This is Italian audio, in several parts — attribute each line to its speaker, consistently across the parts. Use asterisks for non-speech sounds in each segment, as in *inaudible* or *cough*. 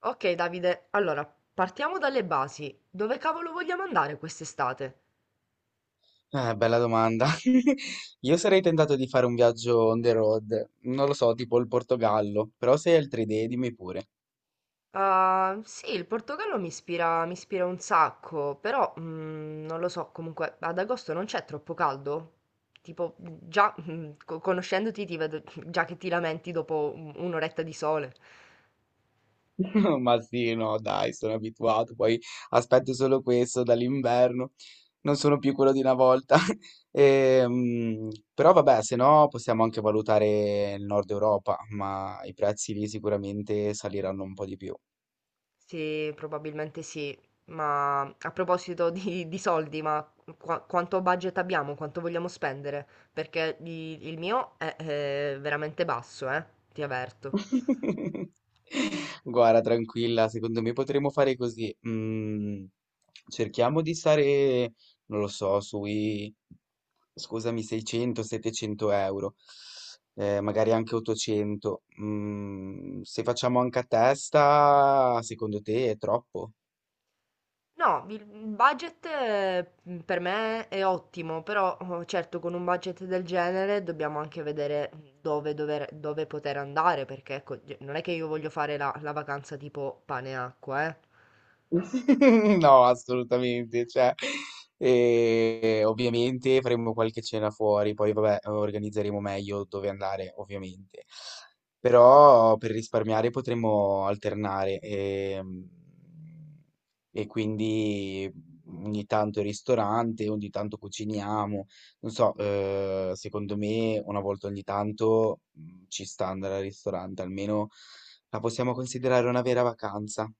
Speaker 1: Ok Davide, allora partiamo dalle basi. Dove cavolo vogliamo andare quest'estate?
Speaker 2: Bella domanda. *laughs* Io sarei tentato di fare un viaggio on the road, non lo so, tipo il Portogallo, però se hai altre idee dimmi pure.
Speaker 1: Ah, sì, il Portogallo mi ispira un sacco, però non lo so, comunque ad agosto non c'è troppo caldo? Tipo, già conoscendoti ti vedo *laughs* già che ti lamenti dopo un'oretta di sole.
Speaker 2: *laughs* Ma sì, no, dai, sono abituato, poi aspetto solo questo dall'inverno, non sono più quello di una volta. *laughs* Però vabbè, se no possiamo anche valutare il Nord Europa, ma i prezzi lì sicuramente saliranno un po' di più.
Speaker 1: Sì, probabilmente sì. Ma a proposito di soldi, ma quanto budget abbiamo? Quanto vogliamo spendere? Perché il mio è veramente basso, eh? Ti avverto.
Speaker 2: *laughs* Guarda, tranquilla, secondo me potremmo fare così. Cerchiamo di stare, non lo so, sui, scusami, 600-700 euro, magari anche 800. Se facciamo anche a testa, secondo te è troppo?
Speaker 1: No, il budget per me è ottimo, però oh, certo con un budget del genere dobbiamo anche vedere dove poter andare, perché ecco, non è che io voglio fare la vacanza tipo pane e acqua, eh.
Speaker 2: *laughs* No, assolutamente. Cioè, ovviamente faremo qualche cena fuori, poi vabbè, organizzeremo meglio dove andare, ovviamente. Però per risparmiare potremmo alternare e quindi ogni tanto il ristorante, ogni tanto cuciniamo. Non so, secondo me una volta ogni tanto ci sta andare al ristorante, almeno la possiamo considerare una vera vacanza.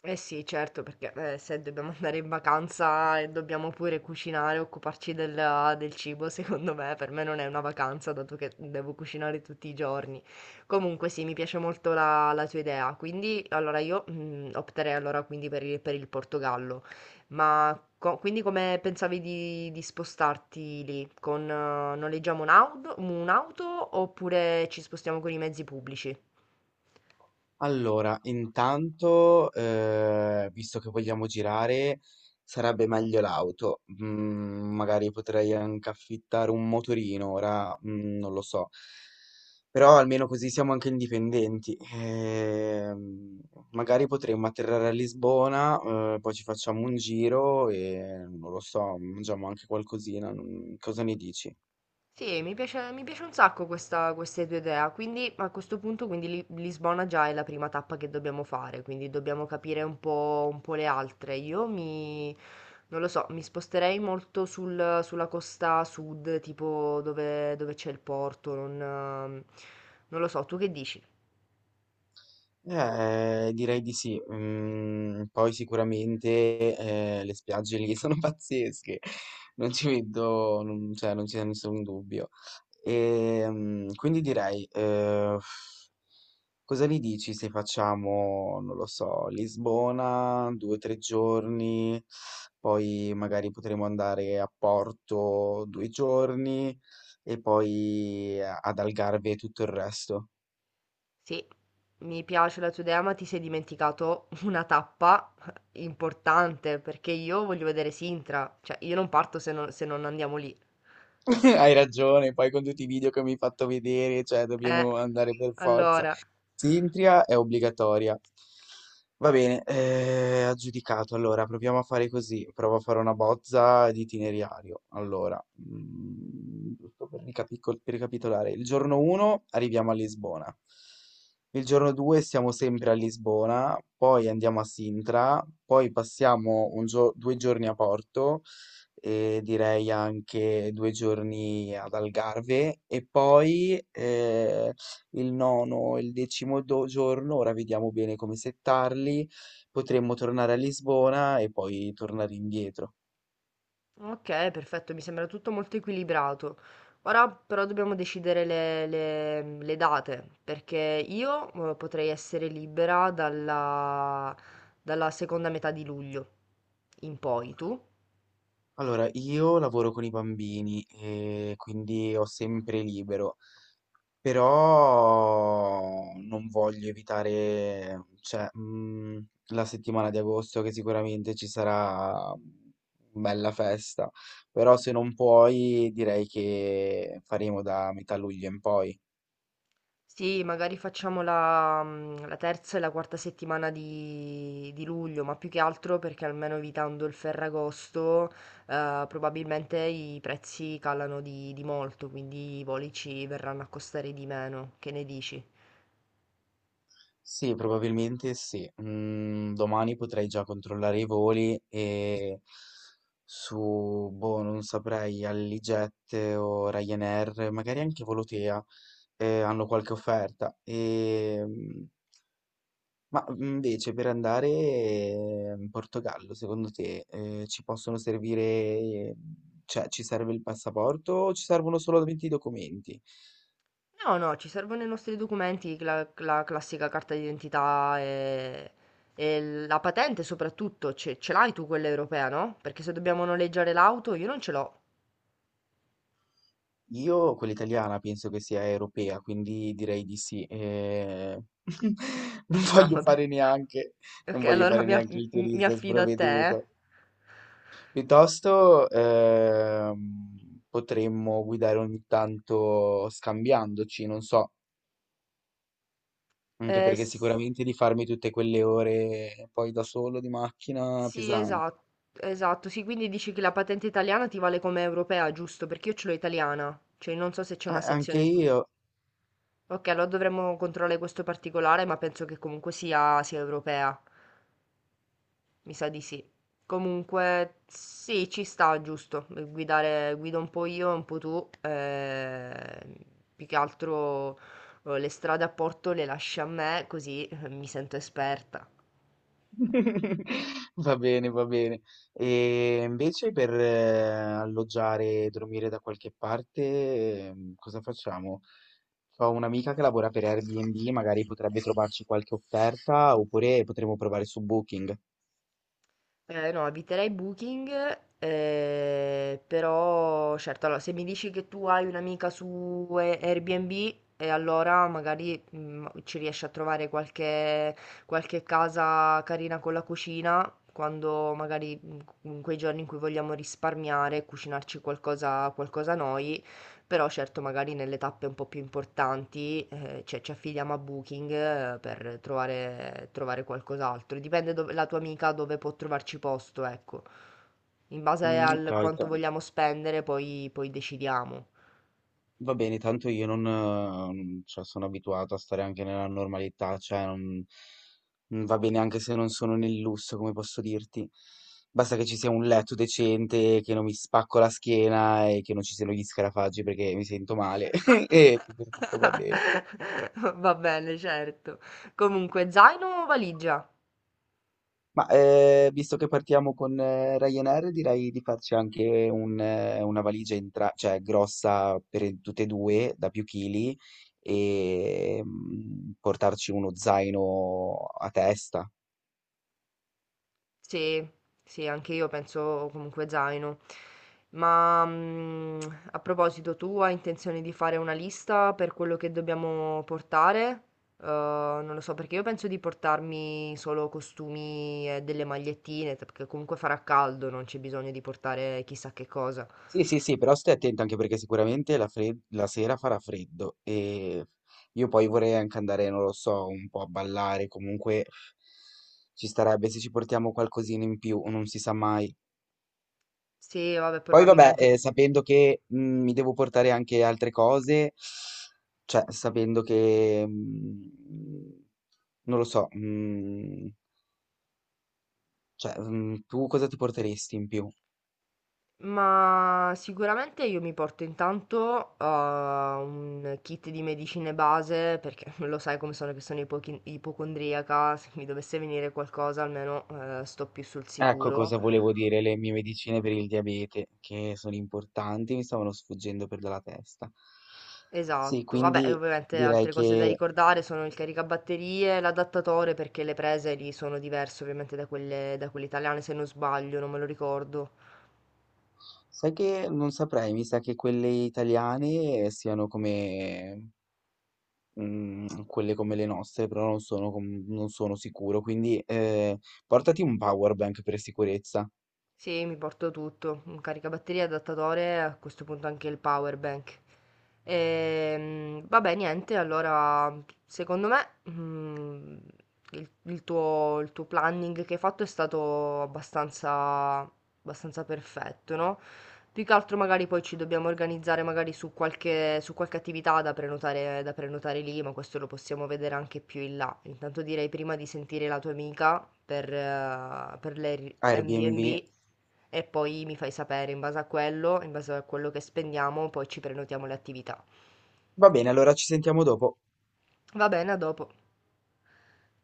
Speaker 1: Eh sì, certo, perché se dobbiamo *laughs* andare in vacanza e dobbiamo pure cucinare, occuparci del cibo, *laughs* secondo me per me non è una vacanza, dato che devo cucinare tutti i giorni. Comunque sì, mi piace molto la tua idea, quindi allora io opterei allora quindi per per il Portogallo. Ma quindi come pensavi di spostarti lì? Con, noleggiamo un'auto oppure ci spostiamo con i mezzi pubblici?
Speaker 2: Allora, intanto, visto che vogliamo girare, sarebbe meglio l'auto. Magari potrei anche affittare un motorino, ora, non lo so. Però almeno così siamo anche indipendenti. Magari potremmo atterrare a Lisbona, poi ci facciamo un giro e, non lo so, mangiamo anche qualcosina. Cosa ne dici?
Speaker 1: Sì, mi piace un sacco questa queste tua idea, quindi a questo punto quindi Li Lisbona già è la prima tappa che dobbiamo fare, quindi dobbiamo capire un po' le altre. Io mi non lo so, mi sposterei molto sulla costa sud, tipo dove c'è il porto, non lo so, tu che dici?
Speaker 2: Direi di sì. Poi sicuramente le spiagge lì *laughs* sono pazzesche, non ci vedo, non, cioè, non c'è nessun dubbio. E, quindi direi, cosa ne dici se facciamo, non lo so, Lisbona, 2 o 3 giorni, poi magari potremo andare a Porto 2 giorni e poi ad Algarve tutto il resto.
Speaker 1: Sì, mi piace la tua idea, ma ti sei dimenticato una tappa importante, perché io voglio vedere Sintra, cioè io non parto se non andiamo lì.
Speaker 2: *laughs* Hai ragione, poi con tutti i video che mi hai fatto vedere, cioè
Speaker 1: Eh,
Speaker 2: dobbiamo andare per forza.
Speaker 1: allora,
Speaker 2: Sintria è obbligatoria. Va bene, aggiudicato. Allora, proviamo a fare così. Provo a fare una bozza di itinerario. Allora, giusto per ricapitolare. Il giorno 1 arriviamo a Lisbona. Il giorno 2 siamo sempre a Lisbona, poi andiamo a Sintra, poi passiamo due giorni a Porto, e direi anche 2 giorni ad Algarve e poi il nono e il decimo giorno, ora vediamo bene come settarli, potremmo tornare a Lisbona e poi tornare indietro.
Speaker 1: ok, perfetto, mi sembra tutto molto equilibrato. Ora però dobbiamo decidere le date, perché io potrei essere libera dalla seconda metà di luglio in poi, tu?
Speaker 2: Allora, io lavoro con i bambini e quindi ho sempre libero. Però non voglio evitare, cioè, la settimana di agosto che sicuramente ci sarà bella festa, però se non puoi direi che faremo da metà luglio in poi.
Speaker 1: Sì, magari facciamo la terza e la quarta settimana di luglio, ma più che altro perché almeno evitando il Ferragosto, probabilmente i prezzi calano di molto, quindi i voli ci verranno a costare di meno. Che ne dici?
Speaker 2: Sì, probabilmente sì. Mhmm, Domani potrei già controllare i voli e su, boh, non saprei, Alliget o Ryanair, magari anche Volotea, hanno qualche offerta. Ma invece per andare in Portogallo, secondo te, ci possono servire, cioè ci serve il passaporto o ci servono solamente i documenti?
Speaker 1: No, no, ci servono i nostri documenti, cla la classica carta d'identità e la patente soprattutto. Ce l'hai tu quella europea, no? Perché se dobbiamo noleggiare l'auto io non ce l'ho.
Speaker 2: Io, quella italiana, penso che sia europea, quindi direi di sì. *laughs* Non
Speaker 1: Ah,
Speaker 2: voglio
Speaker 1: vabbè.
Speaker 2: fare neanche, Non
Speaker 1: Ok,
Speaker 2: voglio fare neanche il
Speaker 1: mi
Speaker 2: turista
Speaker 1: affido a te.
Speaker 2: sprovveduto. Piuttosto, potremmo guidare ogni tanto scambiandoci, non so. Anche
Speaker 1: Eh,
Speaker 2: perché
Speaker 1: s-
Speaker 2: sicuramente di farmi tutte quelle ore poi da solo di macchina
Speaker 1: sì,
Speaker 2: pesante.
Speaker 1: esatto, esatto. Sì, quindi dici che la patente italiana ti vale come europea, giusto? Perché io ce l'ho italiana, cioè non so se c'è una
Speaker 2: Ah, anche
Speaker 1: sezione in cui...
Speaker 2: io.
Speaker 1: Ok, allora dovremmo controllare questo particolare, ma penso che comunque sia europea. Mi sa di sì. Comunque sì, ci sta, giusto. Guidare, guido un po' io, un po' tu. Più che altro le strade a Porto le lasci a me, così mi sento esperta.
Speaker 2: *laughs* Va bene, va bene. E invece per alloggiare e dormire da qualche parte, cosa facciamo? Ho un'amica che lavora per Airbnb, magari potrebbe trovarci qualche offerta oppure potremmo provare su Booking.
Speaker 1: No, eviterei Booking, però certo, allora, se mi dici che tu hai un'amica su Airbnb, e allora magari ci riesci a trovare qualche casa carina con la cucina, quando magari in quei giorni in cui vogliamo risparmiare, cucinarci qualcosa, qualcosa noi. Però certo magari nelle tappe un po' più importanti, cioè ci affidiamo a Booking, per trovare qualcos'altro. Dipende dove la tua amica dove può trovarci posto, ecco. In base
Speaker 2: Mm, ok.
Speaker 1: al quanto vogliamo spendere poi decidiamo.
Speaker 2: Va bene, tanto io non, cioè, sono abituato a stare anche nella normalità, cioè non, non va bene anche se non sono nel lusso, come posso dirti. Basta che ci sia un letto decente, che non mi spacco la schiena e che non ci siano gli scarafaggi perché mi sento male *laughs* e tutto tutto va bene.
Speaker 1: *laughs* Va bene, certo. Comunque zaino o valigia?
Speaker 2: Ma visto che partiamo con Ryanair, direi di farci anche una valigia cioè, grossa per tutte e due, da più chili, e portarci uno zaino a testa.
Speaker 1: Sì, sì, anche io penso comunque zaino. Ma mm, A proposito, tu hai intenzione di fare una lista per quello che dobbiamo portare? Non lo so, perché io penso di portarmi solo costumi e delle magliettine, perché comunque farà caldo, non c'è bisogno di portare chissà che cosa.
Speaker 2: Sì, sì, sì, però stai attento anche perché sicuramente la sera farà freddo e io poi vorrei anche andare, non lo so, un po' a ballare, comunque ci starebbe se ci portiamo qualcosina in più, non si sa mai.
Speaker 1: Sì, vabbè,
Speaker 2: Poi vabbè,
Speaker 1: probabilmente.
Speaker 2: sapendo che mi devo portare anche altre cose, cioè sapendo che, non lo so, cioè, tu cosa ti porteresti in più?
Speaker 1: Ma sicuramente io mi porto intanto un kit di medicine base perché *laughs* lo sai come sono, che sono ipocondriaca, se mi dovesse venire qualcosa almeno sto più sul
Speaker 2: Ecco
Speaker 1: sicuro.
Speaker 2: cosa volevo dire, le mie medicine per il diabete, che sono importanti, mi stavano sfuggendo per dalla testa. Sì,
Speaker 1: Esatto, vabbè, e
Speaker 2: quindi
Speaker 1: ovviamente
Speaker 2: direi
Speaker 1: altre cose da
Speaker 2: che,
Speaker 1: ricordare sono il caricabatterie, l'adattatore, perché le prese lì sono diverse ovviamente da da quelle italiane, se non sbaglio, non me lo ricordo.
Speaker 2: sai che non saprei, mi sa che quelle italiane siano come mhmm, quelle come le nostre, però non sono sicuro, quindi, portati un power bank per sicurezza.
Speaker 1: Sì, mi porto tutto, un caricabatterie, adattatore, a questo punto anche il power bank. Vabbè, niente, allora, secondo me, il tuo planning che hai fatto è stato abbastanza perfetto, no? Più che altro magari poi ci dobbiamo organizzare magari su su qualche attività da prenotare lì, ma questo lo possiamo vedere anche più in là. Intanto direi prima di sentire la tua amica per le
Speaker 2: Airbnb.
Speaker 1: Airbnb, e poi mi fai sapere in base a quello, in base a quello che spendiamo, poi ci prenotiamo le attività.
Speaker 2: Va bene, allora ci sentiamo dopo.
Speaker 1: Va bene, a dopo.